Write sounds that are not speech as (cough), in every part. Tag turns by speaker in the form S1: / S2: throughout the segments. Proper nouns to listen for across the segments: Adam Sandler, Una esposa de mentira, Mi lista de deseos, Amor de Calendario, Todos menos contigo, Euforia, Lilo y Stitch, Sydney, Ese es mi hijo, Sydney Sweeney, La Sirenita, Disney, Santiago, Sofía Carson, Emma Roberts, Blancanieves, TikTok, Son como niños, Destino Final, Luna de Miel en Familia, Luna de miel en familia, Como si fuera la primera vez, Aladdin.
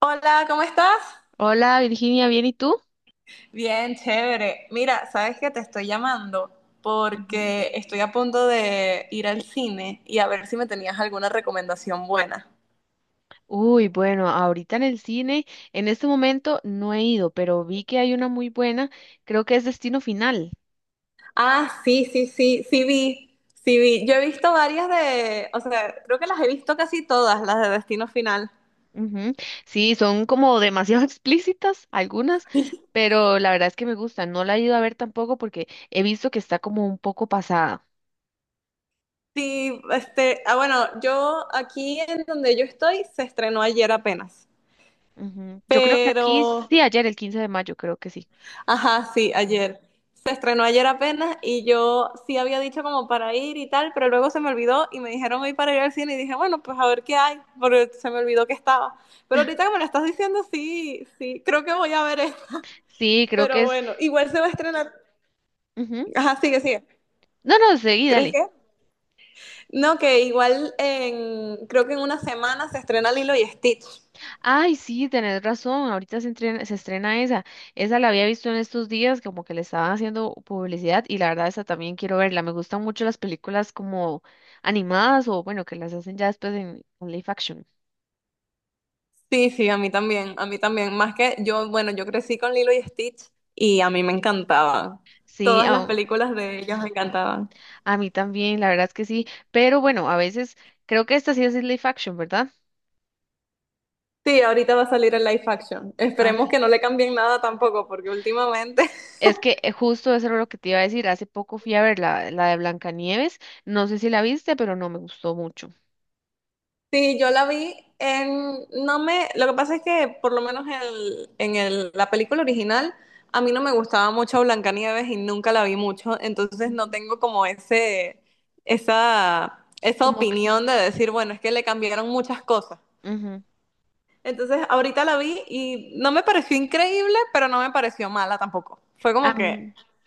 S1: Hola, ¿cómo estás?
S2: Hola Virginia, ¿bien y tú?
S1: Bien, chévere. Mira, sabes que te estoy llamando
S2: Ujú.
S1: porque estoy a punto de ir al cine y a ver si me tenías alguna recomendación buena.
S2: Uy, bueno, ahorita en el cine, en este momento no he ido, pero vi que hay una muy buena, creo que es Destino Final.
S1: Ah, sí, sí, sí, sí vi, sí vi. Yo he visto varias de, o sea, creo que las he visto casi todas, las de Destino Final.
S2: Ujú. Sí, son como demasiado (laughs) explícitas algunas,
S1: (laughs)
S2: pero la verdad es que me gustan. No la he ido a ver tampoco porque he visto que está como un poco pasada.
S1: Sí, este, ah, bueno, yo aquí en donde yo estoy se estrenó ayer apenas,
S2: Ujú. Yo creo que aquí,
S1: pero.
S2: sí, ayer, el 15 de mayo, creo que sí.
S1: Ajá, sí, ayer. Se estrenó ayer apenas y yo sí había dicho como para ir y tal, pero luego se me olvidó y me dijeron hoy para ir al cine y dije, bueno, pues a ver qué hay, porque se me olvidó que estaba. Pero ahorita que me lo estás diciendo, sí, sí, creo que voy a ver eso.
S2: Sí, creo que
S1: Pero
S2: es...
S1: bueno, igual se va a estrenar.
S2: ujú.
S1: Ajá, sigue, sigue.
S2: No, no, seguí,
S1: ¿Crees
S2: dale.
S1: que? No, que igual creo que en una semana se estrena Lilo y Stitch.
S2: Ay, sí, tenés razón. Ahorita se estrena esa. Esa la había visto en estos días, como que le estaban haciendo publicidad y la verdad esa también quiero verla. Me gustan mucho las películas como animadas o bueno, que las hacen ya después en live action.
S1: Sí, sí, a mí también, a mí también. Más que yo, bueno, yo crecí con Lilo y Stitch y a mí me encantaban.
S2: Sí,
S1: Todas las películas de ellas me encantaban.
S2: a mí también, la verdad es que sí. Pero bueno, a veces creo que esta sí es live action, ¿verdad?
S1: Sí, ahorita va a salir el live action.
S2: Ah,
S1: Esperemos
S2: ok.
S1: que no le cambien nada tampoco, porque últimamente. (laughs)
S2: Es que justo eso era lo que te iba a decir. Hace poco fui a ver la de Blancanieves. No sé si la viste, pero no me gustó mucho.
S1: Sí, yo la vi en... No me... Lo que pasa es que por lo menos la película original a mí no me gustaba mucho Blancanieves y nunca la vi mucho, entonces no
S2: Ujú.
S1: tengo como esa
S2: Como que...
S1: opinión de decir, bueno, es que le cambiaron muchas cosas.
S2: ujú.
S1: Entonces, ahorita la vi y no me pareció increíble, pero no me pareció mala tampoco. Fue como que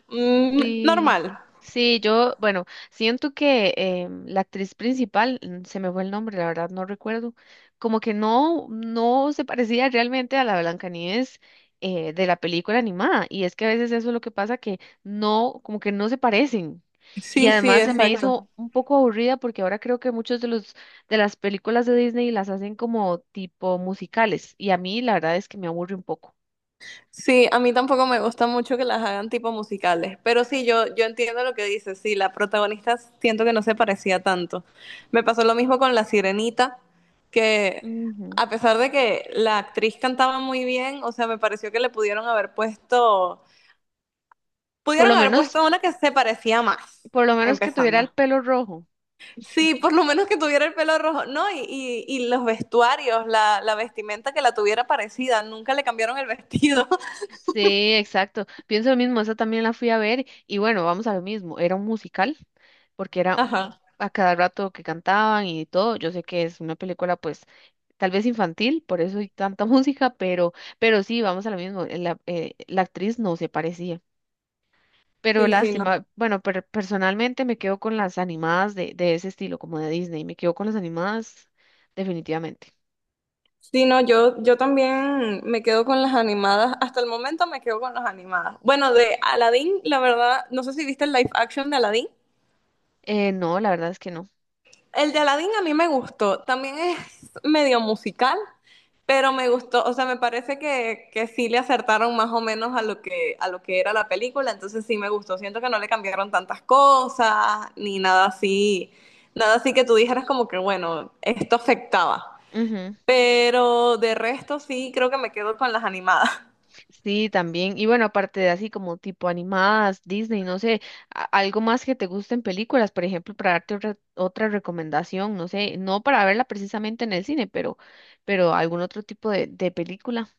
S2: Sí,
S1: normal.
S2: sí, yo, bueno, siento que la actriz principal, mm, se me fue el nombre, la verdad no recuerdo, como que no, no se parecía realmente a la Blancanieves de la película animada, y es que a veces eso es lo que pasa, que no, como que no se parecen, y
S1: Sí, sí,
S2: además se me
S1: exacto.
S2: Exacto. hizo un poco aburrida porque ahora creo que muchos de los, de las películas de Disney las hacen como tipo musicales, y a mí la verdad es que me aburre un poco,
S1: Sí, a mí tampoco me gusta mucho que las hagan tipo musicales, pero sí, yo entiendo lo que dices. Sí, la protagonista siento que no se parecía tanto. Me pasó lo mismo con La Sirenita, que
S2: Ujú.
S1: a pesar de que la actriz cantaba muy bien, o sea, me pareció que le
S2: por lo
S1: pudieron haber
S2: menos,
S1: puesto una que se parecía más,
S2: por lo menos que tuviera el
S1: empezando.
S2: pelo rojo.
S1: Sí, por lo menos que tuviera el pelo rojo, ¿no? Y los vestuarios, la vestimenta que la tuviera parecida, nunca le cambiaron el vestido. (laughs)
S2: Sí, exacto. Pienso lo mismo, esa también la fui a ver y bueno, vamos a lo mismo, era un musical, porque era
S1: Ajá.
S2: a cada rato que cantaban y todo. Yo sé que es una película pues tal vez infantil, por eso hay tanta (laughs) música, pero sí, vamos a lo mismo, la actriz no se parecía. Pero
S1: Sí, sí, no.
S2: lástima, bueno, personalmente me quedo con las animadas de ese estilo, como de Disney, me quedo con las animadas definitivamente.
S1: Sí, no, yo también me quedo con las animadas. Hasta el momento me quedo con las animadas. Bueno, de Aladdin, la verdad, no sé si viste el live action de Aladdin.
S2: No, la verdad es que no.
S1: El de Aladdin a mí me gustó. También es (laughs) medio musical, pero me gustó. O sea, me parece que sí le acertaron más o menos a lo que era la película. Entonces sí me gustó. Siento que no le cambiaron tantas cosas, ni nada así. Nada así que tú dijeras como que, bueno, esto afectaba.
S2: Ujú.
S1: Pero de resto sí creo que me quedo con las animadas. (laughs)
S2: Sí, también. Y bueno, aparte de así como tipo animadas, Disney, no sé, algo más que te gusten películas, por ejemplo, para darte otra recomendación, no sé, no para verla precisamente en el cine, pero algún otro tipo de película.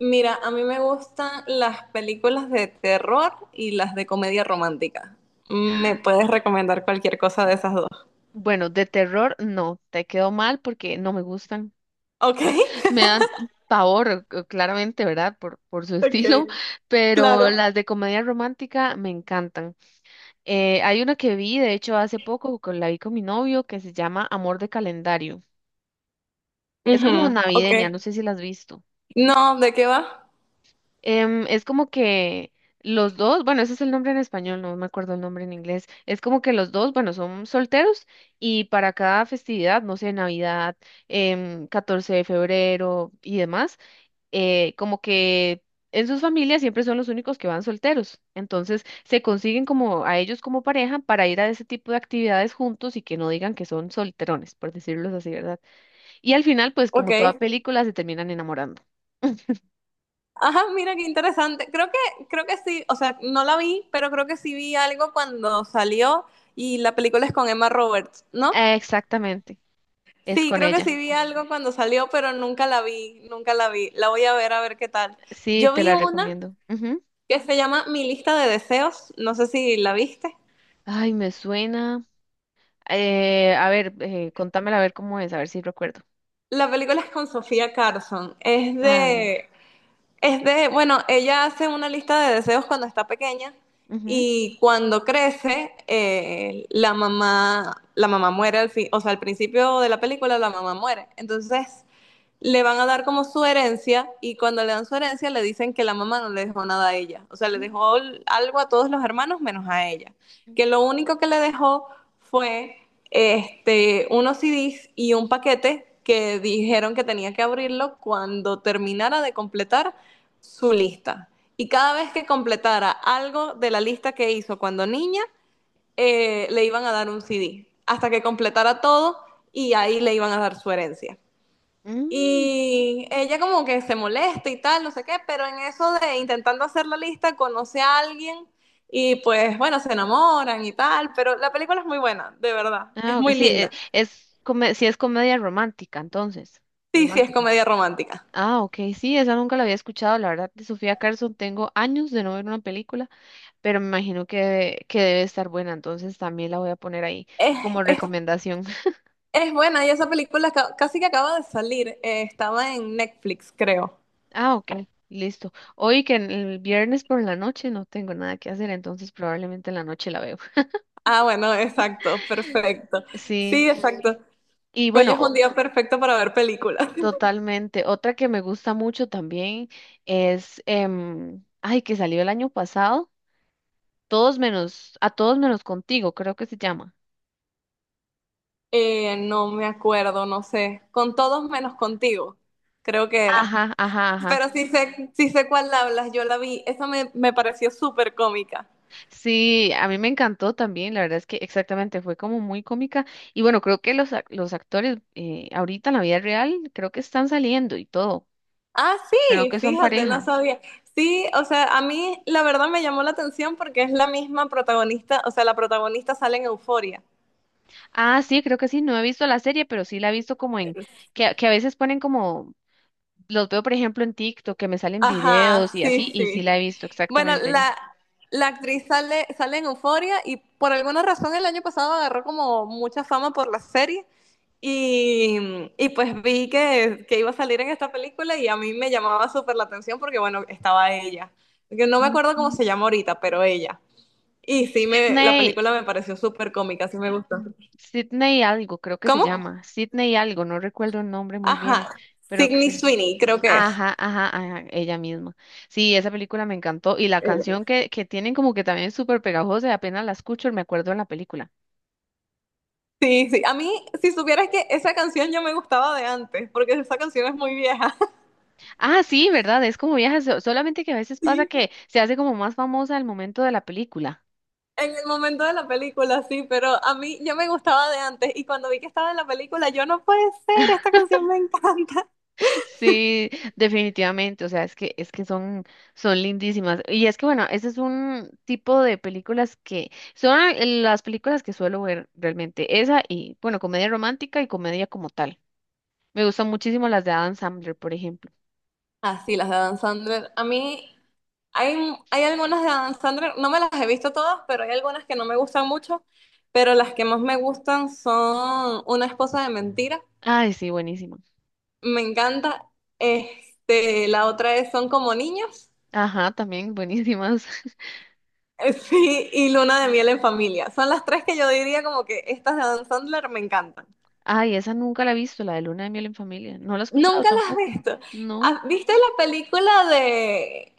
S1: Mira, a mí me gustan las películas de terror y las de comedia romántica. ¿Me puedes recomendar cualquier cosa de esas dos?
S2: Bueno, de terror, no, te quedó mal porque no me gustan.
S1: Ok,
S2: (laughs)
S1: (laughs)
S2: Me dan pavor, claramente, ¿verdad? Por su (laughs)
S1: ok,
S2: estilo, pero
S1: claro.
S2: las de comedia romántica me encantan. Hay una que vi, de hecho, hace poco, con, la vi con mi novio, que se llama Amor de Calendario. Es como
S1: Ujú, ok.
S2: navideña, no sé si la has visto.
S1: No, ¿de qué va?
S2: Em, es como que los dos, bueno, ese es el nombre en español, no me acuerdo el nombre en inglés. Es como que los dos, bueno, son solteros y para cada festividad, no sé, Navidad, 14 de febrero y demás, como que en sus familias siempre son los únicos que van solteros. Entonces se consiguen como a ellos como pareja para ir a ese tipo de actividades juntos y que no digan que son solterones, por decirlo así, ¿verdad? Y al final, pues como toda
S1: Ok.
S2: película, se terminan enamorando.
S1: Ajá, mira qué interesante. Creo que sí, o sea, no la vi, pero creo que sí vi algo cuando salió y la película es con Emma Roberts, ¿no?
S2: Exactamente, es
S1: Sí,
S2: con
S1: creo que
S2: ella.
S1: sí vi algo cuando salió, pero nunca la vi, nunca la vi. La voy a ver qué tal.
S2: Sí,
S1: Yo
S2: te
S1: vi
S2: la
S1: una
S2: recomiendo. Ujú.
S1: que se llama Mi lista de deseos, no sé si la viste.
S2: Ay, me suena. A ver, contámela a ver cómo es, a ver si recuerdo.
S1: La película es con Sofía Carson, es
S2: Ah, no.
S1: de Es de, bueno, ella hace una lista de deseos cuando está pequeña
S2: Ujú.
S1: y cuando crece, la mamá muere al fin, o sea, al principio de la película la mamá muere. Entonces, le van a dar como su herencia y cuando le dan su herencia le dicen que la mamá no le dejó nada a ella, o sea, le dejó algo a todos los hermanos menos a ella, que lo único que le dejó fue unos CDs y un paquete que dijeron que tenía que abrirlo cuando terminara de completar su lista. Y cada vez que completara algo de la lista que hizo cuando niña, le iban a dar un CD, hasta que completara todo y ahí le iban a dar su herencia.
S2: Mm,
S1: Y ella como que se molesta y tal, no sé qué, pero en eso de intentando hacer la lista, conoce a alguien y pues bueno, se enamoran y tal, pero la película es muy buena, de verdad,
S2: Ah,
S1: es
S2: ok,
S1: muy
S2: sí,
S1: linda.
S2: sí es comedia romántica, entonces.
S1: Sí, sí, es
S2: Romántica.
S1: comedia romántica.
S2: Ah, ok, sí, esa nunca la había escuchado, la verdad, de Sofía Carson tengo años de no ver una película, pero me imagino que debe estar buena, entonces también la voy a poner ahí
S1: Es,
S2: como
S1: es,
S2: recomendación.
S1: es buena y esa película casi que acaba de salir, estaba en Netflix, creo.
S2: Ah, ok, listo. Hoy el viernes por la noche no tengo nada que hacer, entonces probablemente en la noche la veo. (laughs)
S1: Ah, bueno, exacto, perfecto.
S2: Sí,
S1: Sí, exacto.
S2: y
S1: Hoy
S2: bueno,
S1: es un
S2: o-
S1: día perfecto para ver películas.
S2: totalmente. Otra que me gusta mucho también es, ay, que salió el año pasado, a todos menos contigo, creo que se llama.
S1: No me acuerdo, no sé. Con todos menos contigo, creo que era.
S2: Ajá, ajá, ajá.
S1: Pero sí sé cuál hablas, yo la vi. Esa me pareció súper cómica.
S2: Sí, a mí me encantó también, la verdad es que exactamente fue como muy cómica. Y bueno, creo que los, los actores ahorita en la vida real creo que están saliendo y todo.
S1: Ah,
S2: Creo
S1: sí,
S2: que son
S1: fíjate, no
S2: pareja.
S1: sabía. Sí, o sea, a mí la verdad me llamó la atención porque es la misma protagonista, o sea, la protagonista sale en Euforia.
S2: Ah, sí, creo que sí, no he visto la serie, pero sí la he visto como en, que a veces ponen como, los veo por ejemplo en TikTok, que me salen
S1: Ajá,
S2: videos y
S1: sí,
S2: así, y sí
S1: sí.
S2: la he visto
S1: Bueno,
S2: exactamente ella.
S1: la actriz sale, sale en Euforia y por alguna razón el año pasado agarró como mucha fama por la serie y pues vi que iba a salir en esta película y a mí me llamaba súper la atención porque bueno, estaba ella. Yo no me acuerdo cómo
S2: Ujú.
S1: se llama ahorita, pero ella. Y sí, la
S2: Sydney,
S1: película me pareció súper cómica, sí me gustó.
S2: Sydney algo, creo que se
S1: ¿Cómo?
S2: llama, Sydney algo, no recuerdo el nombre muy bien,
S1: Ajá,
S2: pero que
S1: Sydney
S2: se...
S1: Sweeney creo que es.
S2: Ajá, ajá, ajá, ella misma. Sí, esa película me encantó y la canción que tienen como que también es súper pegajosa, y apenas la escucho, me acuerdo de la película.
S1: Sí, sí. A mí, si supieras que esa canción ya me gustaba de antes, porque esa canción es muy vieja. (laughs)
S2: Ah, sí, ¿verdad? Es como viejas, solamente que a veces pasa
S1: Sí.
S2: que se hace como más famosa al momento de la película.
S1: En el momento de la película, sí, pero a mí ya me gustaba de antes y cuando vi que estaba en la película, yo no puede ser, esta canción me encanta. (laughs)
S2: (laughs) Sí, definitivamente, o sea, es que son son lindísimas. Y es que bueno, ese es un tipo de películas que son las películas que suelo ver realmente, esa y bueno, comedia romántica y comedia como tal. Me gustan muchísimo las de Adam Sandler, por ejemplo.
S1: Ah, sí, las de Adam Sandler. A mí hay, hay algunas de Adam Sandler, no me las he visto todas, pero hay algunas que no me gustan mucho, pero las que más me gustan son Una esposa de mentira,
S2: Ay, sí, buenísima.
S1: me encanta. La otra es Son como niños.
S2: Ajá, también buenísimas. (laughs)
S1: (laughs) Sí, y Luna de Miel en Familia. Son las tres que yo diría como que estas de Adam Sandler me encantan.
S2: Ay, esa nunca la he visto, la de Luna de miel en familia. No la he escuchado
S1: Nunca las has
S2: tampoco.
S1: visto.
S2: No.
S1: Ah, ¿Viste la película de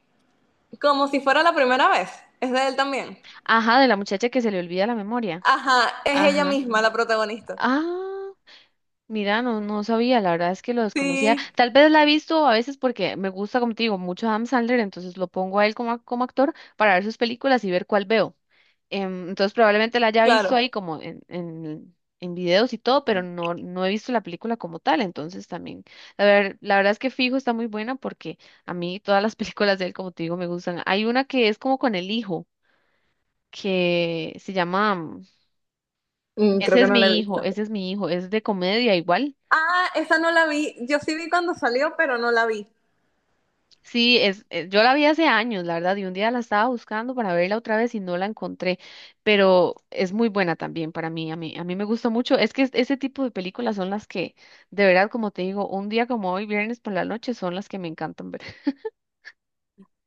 S1: Como si fuera la primera vez? Es de él también.
S2: Ajá, de la muchacha que se le olvida la memoria.
S1: Ajá, es ella
S2: Ajá.
S1: misma la protagonista.
S2: Ah, mira, no, no sabía, la verdad es que lo desconocía.
S1: Sí,
S2: Tal vez la he visto a veces porque me gusta, como te digo, mucho Adam Sandler, entonces lo pongo a él como, como actor para ver sus películas y ver cuál veo. Entonces probablemente la haya visto
S1: claro.
S2: ahí como en videos y todo, pero no, no he visto la película como tal, entonces también, la verdad es que Fijo está muy buena porque a mí todas las (laughs) películas de él, como te digo, me gustan. Hay una que es como con el hijo, que se llama...
S1: Creo
S2: Ese
S1: que
S2: es
S1: no la he
S2: mi hijo,
S1: visto.
S2: ese es mi hijo, es de comedia igual.
S1: Ah, esa no la vi. Yo sí vi cuando salió, pero no la vi.
S2: Sí, es, yo la vi hace años, la verdad, y un día la estaba buscando para verla otra vez y no la encontré, pero es muy buena también para mí, a mí me gusta mucho. Es que ese tipo de películas son las que, de verdad, como te digo, un día como hoy, viernes por la noche, son las que me encantan ver. (laughs)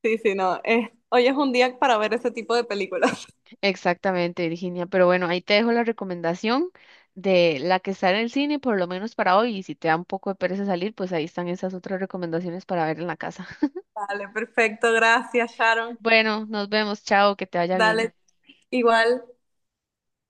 S1: Sí, sí, no. Hoy es un día para ver ese tipo de películas.
S2: Exactamente, Virginia, pero bueno, ahí te dejo la recomendación de la que está en el cine, por lo menos para hoy, y si te da un poco de pereza salir, pues ahí están esas otras recomendaciones para ver en la casa.
S1: (laughs) Vale, perfecto. Gracias, Sharon.
S2: Bueno, nos vemos, chao, que te vaya bien.
S1: Dale, igual.